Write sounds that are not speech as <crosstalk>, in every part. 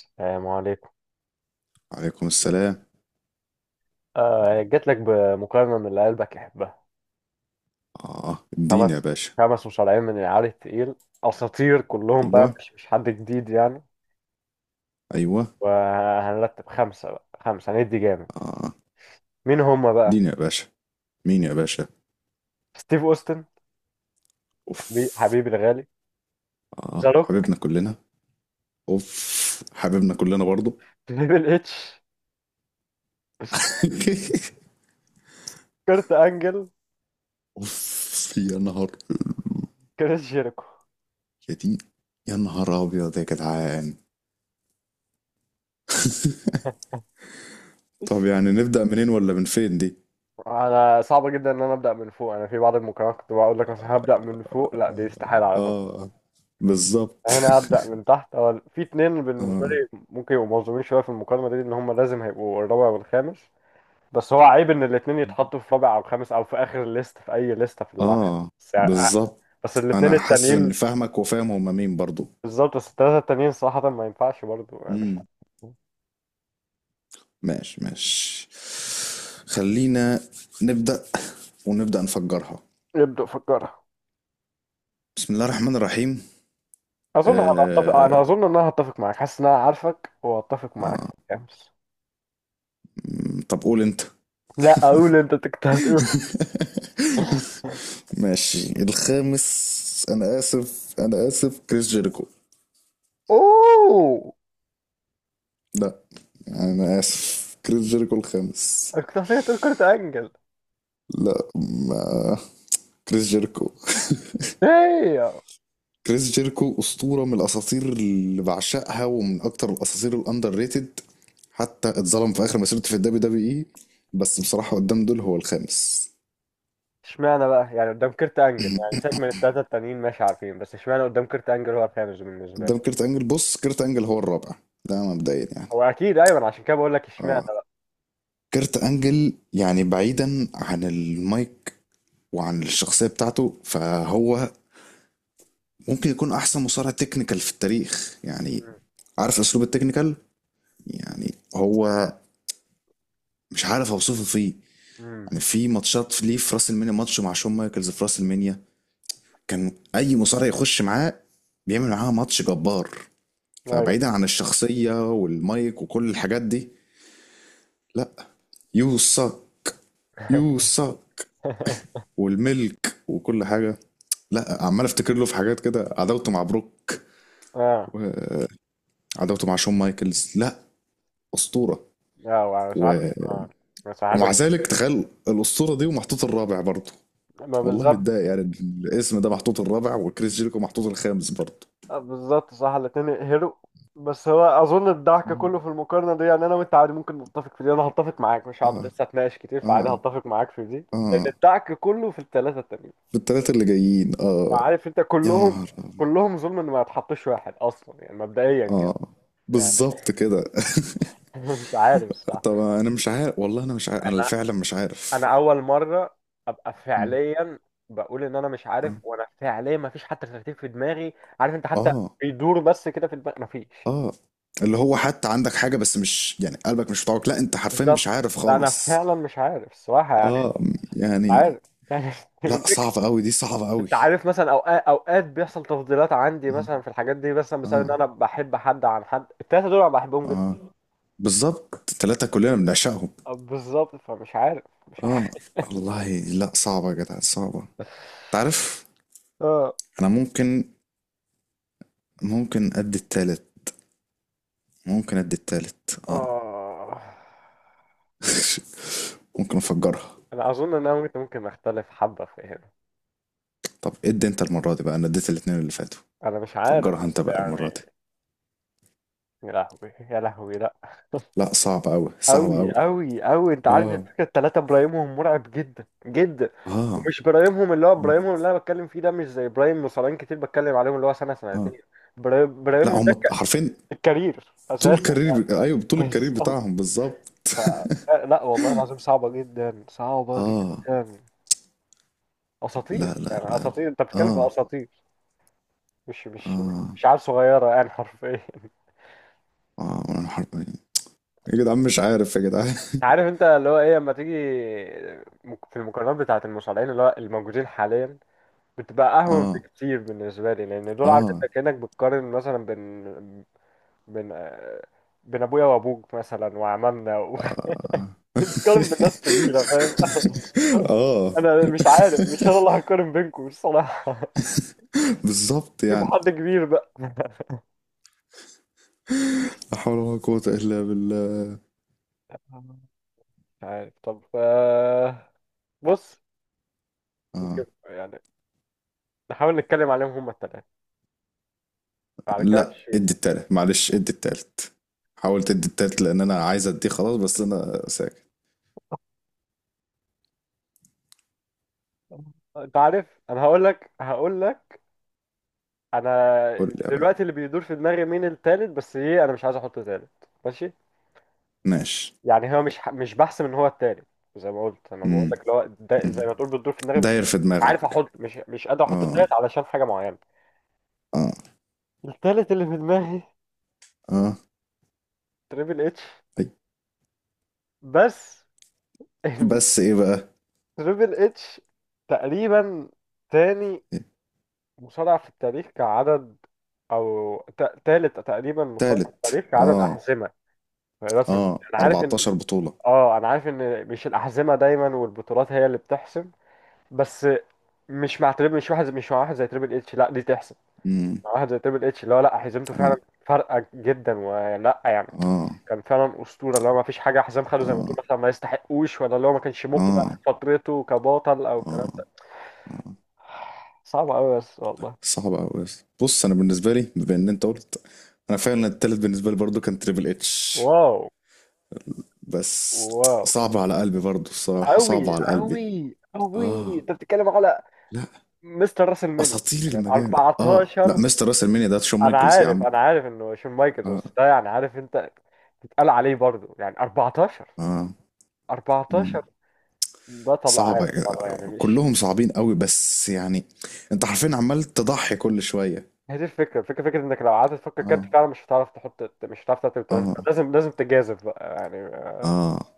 السلام عليكم. عليكم السلام. آه جات لك بمقارنة من اللي قلبك يحبها. آه، اديني يا خمس، باشا. خمس مصارعين من العيار التقيل، أساطير كلهم بقى، أيوة، مش حد جديد يعني. أيوة. وهنرتب خمسة بقى، خمسة هندي جامد. آه، مين هم بقى؟ اديني يا باشا. مين يا باشا؟ ستيف أوستن حبيب أوف. حبيبي الغالي، آه، ذا روك، حبيبنا كلنا. أوف، حبيبنا كلنا برضو. تريبل اتش، <laughs> كرت أنجل، أوف يا نهار. كريس جيريكو. <laughs> يا دي. يا نهار أبيض يا جدعان. طب يعني نبدأ منين ولا من فين دي؟ انا صعب جدا ان ابدا من فوق. انا في بعض المقارنات كنت بقول لك مثلا هبدا من فوق، لا دي استحاله اعرف. آه، بالظبط. هنا هبدأ من تحت. هو في اتنين <laughs> بالنسبة آه، لي ممكن يبقوا مظلومين شوية في المقارنة دي، إن هم لازم هيبقوا الرابع والخامس. بس هو عيب إن الاتنين يتحطوا في رابع أو خامس أو في آخر الليست، في أي ليستة في العالم. آه، بس، بالظبط. بس الاتنين أنا حاسس إني التانيين. فاهمك وفاهم هما مين برضو. بالظبط. بس التلاتة التانيين صراحة ما ينفعش برضه، يعني مش عارف. ماشي، ماشي. خلينا نبدأ ونبدأ نفجرها. يبدأ فكرها. بسم الله الرحمن الرحيم. أظن هنتفق، آه... أنا أظن إن هتفق معاك، حاسس إن أنا عارفك وهتفق معاك في آه... الخامس. طب قول انت. لا أقول أنت، كنت هتقول. <laughs> <laughs> ماشي، الخامس. انا اسف كريس جيريكو. أوه. لا. انا اسف، كريس جيريكو الخامس. كنت هتقول كرة أنجل. لا، ما كريس جيريكو. ايه؟ كريس جيركو أسطورة من الأساطير اللي بعشقها ومن أكتر الأساطير الأندر ريتد. حتى اتظلم في آخر مسيرته في الدبليو دبليو إي. بس بصراحة قدام دول هو الخامس. اشمعنى بقى، يعني قدام كيرت انجل يعني، سيبك من التلاتة التانيين ماشي عارفين، بس اشمعنى قدام كيرت انجل هو الخامس بالنسبة لك؟ قدام كيرت أنجل، بص، كيرت أنجل هو الرابع. ده مبدئيا يعني. هو اكيد ايوه، أنا عشان كده بقول لك اشمعنى. آه. كيرت أنجل يعني بعيدا عن المايك وعن الشخصية بتاعته فهو ممكن يكون أحسن مصارع تكنيكال في التاريخ يعني. مم. عارف أسلوب التكنيكال، يعني هو مش عارف أوصفه فيه. مم. يعني في ماتشات ليه، في راس المنيا ماتش مع شون مايكلز في راس المنيا. كان اي مصارع يخش معاه بيعمل معاه ماتش جبار. ايوه. فبعيدا عن الشخصية والمايك وكل الحاجات دي. لا. يو ساك، يو ساك <laughs> والملك وكل حاجة. لا عمال افتكر له في حاجات كده، عداوته مع بروك اه، وعداوته مع شون مايكلز. لا، أسطورة. اه مساحات. و... اه مساحات. ومع ذلك تخيل الأسطورة دي ومحطوط الرابع برضه. ما والله بالظبط. متضايق، يعني الاسم ده محطوط الرابع وكريس جيريكو محطوط الخامس برضه. آه، بالظبط صح، الاتنين يقهروا. بس هو اظن الضحك كله في المقارنة دي، يعني انا وانت عادي ممكن نتفق في دي، انا هتفق معاك مش هقعد اه. لسه اتناقش كتير، اه. فعادي هتفق معاك في دي. لان اه. الضحك كله في التلاتة التانيين. بالتلاتة اللي جايين، اه. عارف انت يا كلهم، نهار أبيض. كلهم ظلم ان ما يتحطش واحد اصلا يعني، مبدئيا كده. اه، يعني، بالظبط كده. <laughs> مش عارف <laughs> طب صح. انا مش عارف والله، انا مش عارف، انا انا فعلا مش عارف. انا اول مره ابقى مم. فعليا بقول ان انا مش اه. عارف، وانا فعليا ما فيش حتى ترتيب في دماغي. عارف انت حتى، اه. بيدور بس كده في دماغي ما فيش. اه. اللي هو حتى عندك حاجة بس مش يعني قلبك، مش بتاعك، لا انت حرفيا مش بالظبط. عارف لا انا خالص. فعلا مش عارف الصراحه يعني. اه، مش يعني. عارف يعني. لا، صعبة قوي دي، صعبة <laughs> قوي. انت عارف مثلا، اوقات بيحصل تفضيلات عندي مم. مثلا في الحاجات دي، مثلا بسبب ان اه. انا بحب حد عن حد. التلاته دول انا بحبهم جدا. اه. بالظبط، التلاتة كلنا بنعشقهم. بالظبط، فمش عارف مش. اه والله، لا صعبة يا جدع، صعبة. تعرف، آه. انا ممكن ادي التالت. ممكن ادي التالت، اه. آه. <laughs> ممكن افجرها. أنا أظن إن أنا ممكن أختلف حبة في هنا. طب إيه، ادي انت المرة دي بقى، انا اديت الاتنين اللي فاتوا. أنا مش عارف، فجرها انت بس بقى المرة دي. يعني، يا لهوي يا لهوي لأ. لا، صعب اوي، صعب أوي اوي. أوي أوي، أنت عارف اه. الفكرة، التلاتة برايمهم مرعب جدا جدا. اه. ومش برايمهم، اللي هو اه. برايمهم اللي أنا بتكلم فيه ده مش زي برايم مصارعين كتير بتكلم عليهم، اللي هو سنة اه. سنتين. برايم لا، برايمهم هم ده حرفيا الكارير طول أساسا. الكارير، ايوه <laughs> طول الكارير بالظبط. بتاعهم بالظبط. لا لا، والله العظيم صعبة جدا صعبة اه. جدا. أساطير لا، لا، يعني، لا، لا. أساطير، أنت بتتكلم في اه. أساطير، مش اه. مش عيال صغيرة يعني حرفيا. <laughs> اه. انا حرفيا. يا جدعان مش عارف يا جدعان. <laughs> انت عارف انت اللي هو ايه لما تيجي، في المقارنات بتاعة المصارعين اللي هو الموجودين حاليا، بتبقى أهون اه. بكتير بالنسبة لي، لأن دول عارف اه. انت كأنك بتقارن مثلا بين، بين آه، بين أبويا وأبوك مثلا وعمامنا <laughs> آه. بتقارن بالناس كبيرة، فاهم؟ <laughs> <laughs> آه، أنا مش عارف، مش أنا اللي هقارن بينكم الصراحة. <laughs> بالظبط شوفوا يعني. حد كبير بقى. <laughs> لا حول ولا قوة إلا بالله. مش عارف طب، آه، بص. ممكن آه. يعني نحاول نتكلم عليهم هما التلاتة على لا كاتش. ادي التالت، معلش ادي التالت. حاولت ادي التالت لأن أنا عايز اديه خلاص، بس أنا ساكت. انت عارف، انا هقول لك قول انا لي يا بقى. دلوقتي اللي بيدور في دماغي مين التالت، بس ايه انا مش عايز احطه تالت. ماشي. ماشي. يعني هو مش بحسم ان هو التالت، زي ما قلت انا بقول مم. لك اللي هو ده، مم. زي ما تقول بتدور في دماغي بس. داير في مش عارف دماغك. احط، مش قادر احطه آه. تالت علشان حاجه معينه. آه. التالت اللي في دماغي آه. تريبل اتش. أي. بس. <laughs> بس إيه بقى؟ تريبل اتش تقريبا تاني مصارع في التاريخ كعدد، او تالت تقريبا مصارع في تالت، التاريخ كعدد آه. احزمه رسم. آه، انا عارف ان، 14 بطولة. اه انا عارف ان مش الاحزمه دايما والبطولات هي اللي بتحسم، بس مش مع واحد زي تريبل اتش لا دي تحسم. مم. مع واحد زي تريبل اتش اللي هو لا، حزمته فعلا آه. فارقه جدا ولا يعني آه. كان فعلا اسطوره، اللي هو ما فيش حاجه حزام خده زي ما تقول آه. مثلا ما يستحقوش، ولا اللي هو ما كانش مقنع في آه. فترته كبطل او الكلام اه. ده. اه، صعب قوي بس والله. صعب قوي. بص، انا بالنسبه لي بما ان انت قلت، انا فعلا التالت بالنسبه لي برضو كان تريبل اتش. واو. بس واو. صعب على قلبي برضو الصراحه، صعب قوي على قلبي. قوي قوي. اه. انت بتتكلم على لا، مستر راس المنيا، اساطير يعني المجال. اه لا، 14. مستر راس المانيا ده شون انا مايكلز يا عارف، عم. انا عارف انه شون مايكلز، اه. بس ده يعني عارف انت، بيتقال عليه برضه يعني بطل اه. مم. 14 بطل صعبه عالم يا برضه، يعني جدع. مش. كلهم صعبين قوي بس يعني، انت حرفيا عمال تضحي كل شويه. هي دي الفكره، الفكره فكره انك لو قعدت تفكر كارت اه. فعلا مش هتعرف تحط، مش هتعرف ترتب التلاته، اه. لازم لازم تجازف بقى يعني. اه.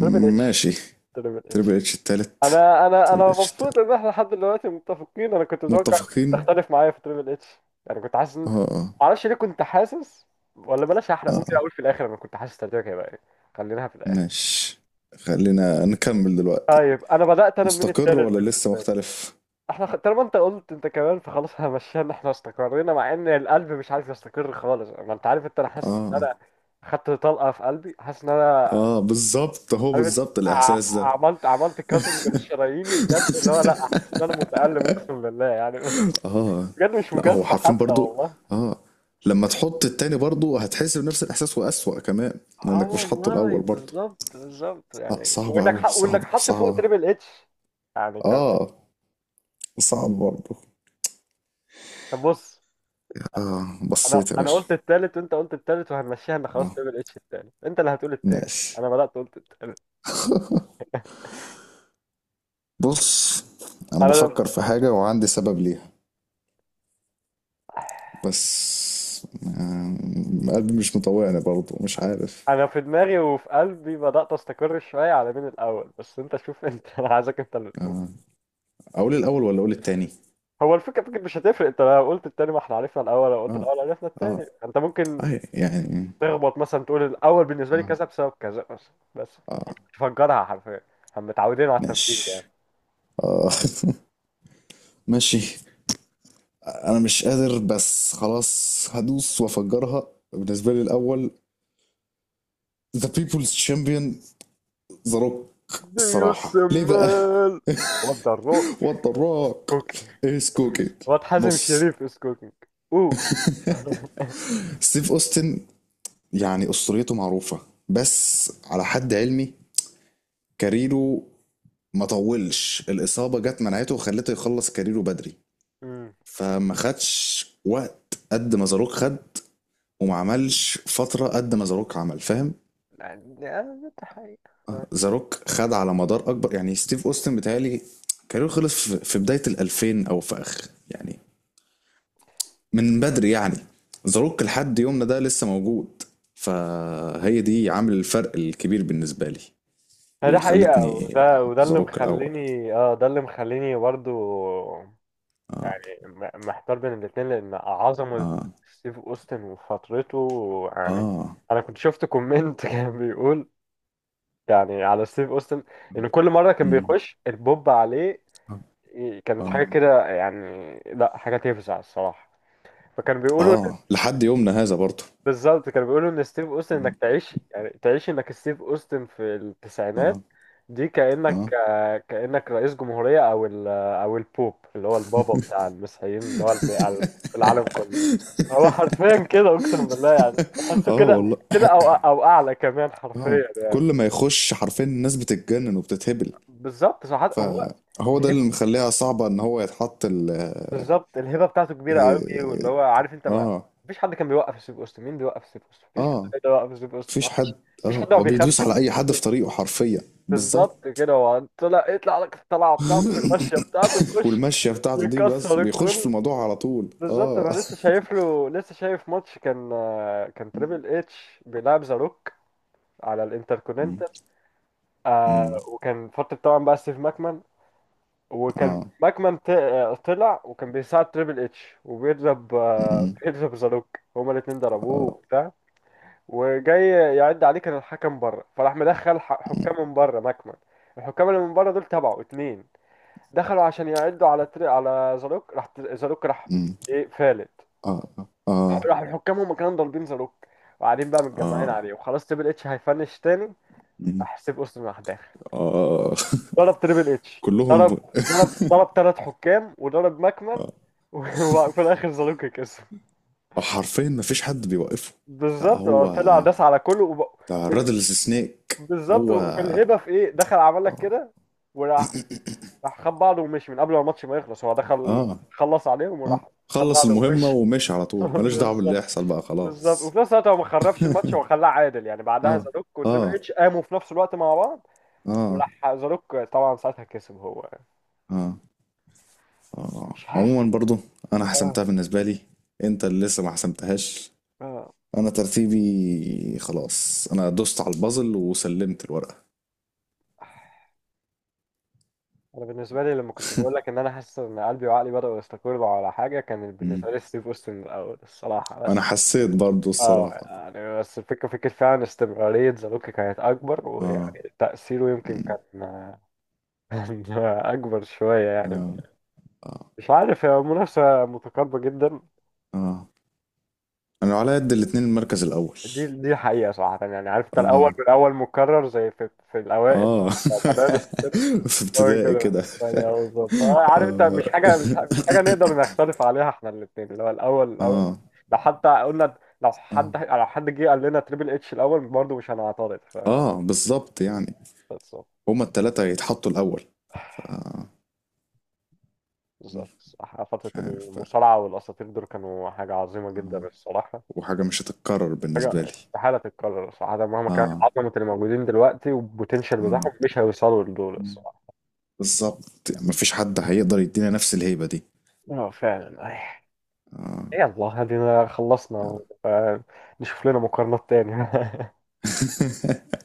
تريبل اتش. ماشي. تريبل تريبل اتش. اتش التالت، انا انا تريبل انا اتش مبسوط التالت، ان احنا لحد دلوقتي متفقين، انا كنت متوقع انك متفقين. تختلف معايا في تريبل اتش. يعني كنت حاسس اه. اه. معرفش ليه كنت حاسس، ولا بلاش احرق، ممكن اه. اقول في الاخر انا كنت حاسس ترتيبك هيبقى ايه. خليناها في الاخر. ماشي، خلينا نكمل دلوقتي. طيب انا بدات انا من مستقر التالت ولا لسه بالنسبه لي. مختلف؟ احنا طالما انت قلت انت كمان فخلاص احنا مشينا، احنا استقرينا، مع ان القلب مش عارف يستقر خالص، ما انت عارف انت، انا حاسس ان اه. انا خدت طلقه في قلبي، حاسس ان انا اه بالظبط، هو عارف إنت، بالظبط ع- الاحساس ده. عملت، عملت كاتنج لشراييني بجد، اللي هو لا حاسس ان انا متالم اقسم بالله يعني، بس اه، بجد مش لا هو مجازفه حرفين حتى برضو. والله. اه، لما تحط التاني برضو هتحس بنفس الاحساس واسوأ كمان اه لانك مش حاطه والله الاول برضو. بالظبط بالظبط، لا، يعني صعبة اوي، وانك صعبة، حط فوق صعبة. تريبل اتش يعني كان. اه، صعب برضو. طب بص. اه، انا بصيت يا انا باشا. قلت التالت، وانت قلت التالت، وهنمشيها ان خلاص اه، تعمل اتش التاني، انت اللي هتقول التاني. ماشي. انا بدأت قلت التالت. <laughs> بص، انا انا، بفكر في حاجة وعندي سبب ليها. بس قلبي مش مطوعني برضه، مش عارف. انا في دماغي وفي قلبي بدأت استقر شوية على مين الاول، بس انت شوف انت، <laughs> انا عايزك انت اللي تقول. آه، اقول الاول ولا اقول التاني؟ هو الفكرة، فكرة مش هتفرق، انت لو قلت التاني ما احنا عرفنا الاول، لو قلت اه. الاول عرفنا اه. التاني. انت ممكن اه يعني. تخبط مثلا، تقول الاول بالنسبة لي اه. كذا بسبب كذا، بس اه. تفجرها حرفيا، هم متعودين على التفكير ده ماشي. يعني. اه. <laughs> ماشي. انا مش قادر، بس خلاص هدوس وافجرها. بالنسبه لي الاول ذا بيبلز تشامبيون، ذا روك. ديوس الصراحه ليه بقى؟ السمال. وات ذا روك؟ <laughs> وات ذا روك از كوكينج. واد حازم بص، شريف از كوكينج. اوه. ستيف اوستن يعني اسطوريته معروفه، بس على حد علمي كاريره ما طولش. الإصابة جت منعته وخلته يخلص كاريره بدري. مم. فما خدش وقت قد ما زاروك خد، وما عملش فترة قد ما زاروك عمل، فاهم؟ يعني آه، ده حقيقة آه. زاروك خد على مدار أكبر. يعني ستيف أوستن بيتهيألي كاريره خلص في بداية الألفين أو في آخر يعني، من بدري يعني. زاروك لحد يومنا ده لسه موجود. فهي دي عامل الفرق الكبير بالنسبة لي، ده اللي حقيقة، خلتني وده أحط وده اللي زاروك الأول. مخليني اه، ده اللي مخليني برضو محتار بين الاتنين، لأن عظمة آه. ستيف أوستن وفترته يعني. آه. أنا كنت شفت كومنت <laughs> كان بيقول، يعني على ستيف أوستن، إن كل مرة كان مم. بيخش البوب عليه آه. كانت آه. حاجة كده يعني، لا حاجة تفزع الصراحة. فكان بيقولوا، آه، لحد يومنا هذا برضه. بالظبط كانوا بيقولوا ان ستيف اوستن، انك مم. تعيش يعني تعيش انك ستيف اوستن في التسعينات، آه. دي آه. كانك آه، كانك رئيس جمهوريه، او ال، او البوب اللي هو البابا بتاع المسيحيين، اللي هو <laughs> في العالم كله. هو حرفيا كده اقسم بالله، يعني تحسه آه كده اه والله. كده، او او اعلى كمان آه. حرفيا. كل ما يخش حرفيا الناس بتتجنن وبتتهبل. بالظبط صح. هو فهو ده الهب، اللي مخليها صعبة إن هو يتحط ال... بالظبط الهبه بتاعته كبيره قوي، واللي هو عارف انت آه. ما، آه. مفيش حد كان بيوقف ستيف اوستن، مين بيوقف ستيف اوستن؟ مفيش حد آه، كان بيوقف ستيف اوستن، مفيش حد. مفيش. مفيش آه، حد ما هو بيدوس بيخافش على من. أي حد في طريقه حرفيا. بالظبط بالظبط. كده، هو طلع يطلع لك الطلعه بتاعته بالمشيه بتاعته <laughs> يخش والمشية بتاعته دي بس يكسر بيخش في الكل. الموضوع على طول بالظبط. انا لسه <laughs> شايف له، لسه شايف ماتش كان، كان تريبل اتش بيلعب ذا روك على مم. الانتركوننتال. آه، مم. وكان فتره طبعا بقى ستيف ماكمان، وكان آه. ماكمان طلع وكان بيساعد تريبل اتش وبيضرب آه بيضرب ذا روك، هما الاتنين <laughs> ضربوه آه. وبتاع، وجاي يعد عليه كان الحكم بره، فراح مدخل حكام من بره ماكمان. الحكام اللي من بره دول تبعه، اتنين دخلوا عشان يعدوا على زاروك. راح زاروك راح، أمم. ايه فالت. آه. آه. راح الحكام هم كانوا ضاربين زاروك وقاعدين بقى متجمعين آه. عليه، وخلاص تريبل اتش هيفنش تاني. أمم. راح سيب اوستن راح داخل، آه. ضرب تريبل <laughs> اتش، كلهم. ضرب ثلاث حكام وضرب ماكمان آه. و- <laughs> وفي الاخر زاروك كسب. حرفيا ما فيش حد بيوقفه. لا بالظبط اه، هو، طلع داس على كله ده وال- رادلز سنيك. بالظبط، هو. والهبه في ايه، دخل عمل لك آه. كده وراح، راح خد بعضه ومشي من قبل ما الماتش ما يخلص، هو دخل اه. خلص عليهم اه، وراح. خد خلص بعضه المهمة ومشي. ومشي على <laughs> طول، ماليش دعوة باللي بالظبط. يحصل بقى بالظبط، خلاص. وفي نفس الوقت هو ما خربش الماتش، هو خلاه عادل يعني، بعدها اه. زاروك اه. وتريبل اتش قاموا في نفس الوقت مع بعض، اه. وراح زاروك طبعا ساعتها كسب هو. اه. اه، مش عارف. عموما برضو انا اه، حسمتها بالنسبة لي، انت اللي لسه ما حسمتهاش. اه انا ترتيبي خلاص، انا دوست على البازل وسلمت الورقة. انا بالنسبه لي لما كنت بقول لك ان انا حاسس ان قلبي وعقلي بداوا يستقروا على حاجه، كان بالنسبه لي ستيف اوستن الاول الصراحه، انا بس حسيت برضو اه الصراحة. يعني، بس الفكره، فكره فعلا استمراريه زاروك كانت اكبر، اه. ويعني تاثيره يمكن مم. كان، <laughs> كان اكبر شويه يعني. اه. اه. مش عارف، هي منافسه متقاربه جدا. اه، انا على قد الاتنين المركز الاول. دي دي حقيقة صراحة، يعني عارف انت الأول اه. بالأول، مكرر زي في، في الأوائل، اه. مدارس كده. <laughs> في أول ابتدائي كده، كده. الثانية أهو، بالظبط. آه، عارف انت مش اه. حاجة، مش مش حاجة <laughs> نقدر نختلف عليها احنا الاتنين، اللي هو الأول الأول. اه. لو حتى قلنا، لو اه. حد، لو حد جه قال لنا تريبل اتش الأول برضه مش هنعترض، ف اه، بالظبط يعني بالظبط. هما التلاتة يتحطوا الاول. ف... بالظبط. مش صح. فترة عارف بقى. المصارعة والأساطير دول كانوا حاجة عظيمة جدا اه. الصراحة. وحاجة مش هتتكرر حاجة بالنسبة لي. استحالة تتكرر صراحة، مهما كانت اه. عظمة الموجودين دلوقتي والبوتنشال اه. بتاعهم، مش هيوصلوا لدول مم. الصراحة. بالظبط يعني مفيش حد هيقدر يدينا نفس الهيبة دي. اه فعلا أي. اه. يلا هدينا خلصنا. آه. آه، نشوف لنا مقارنات تانية. <laughs> <laughs>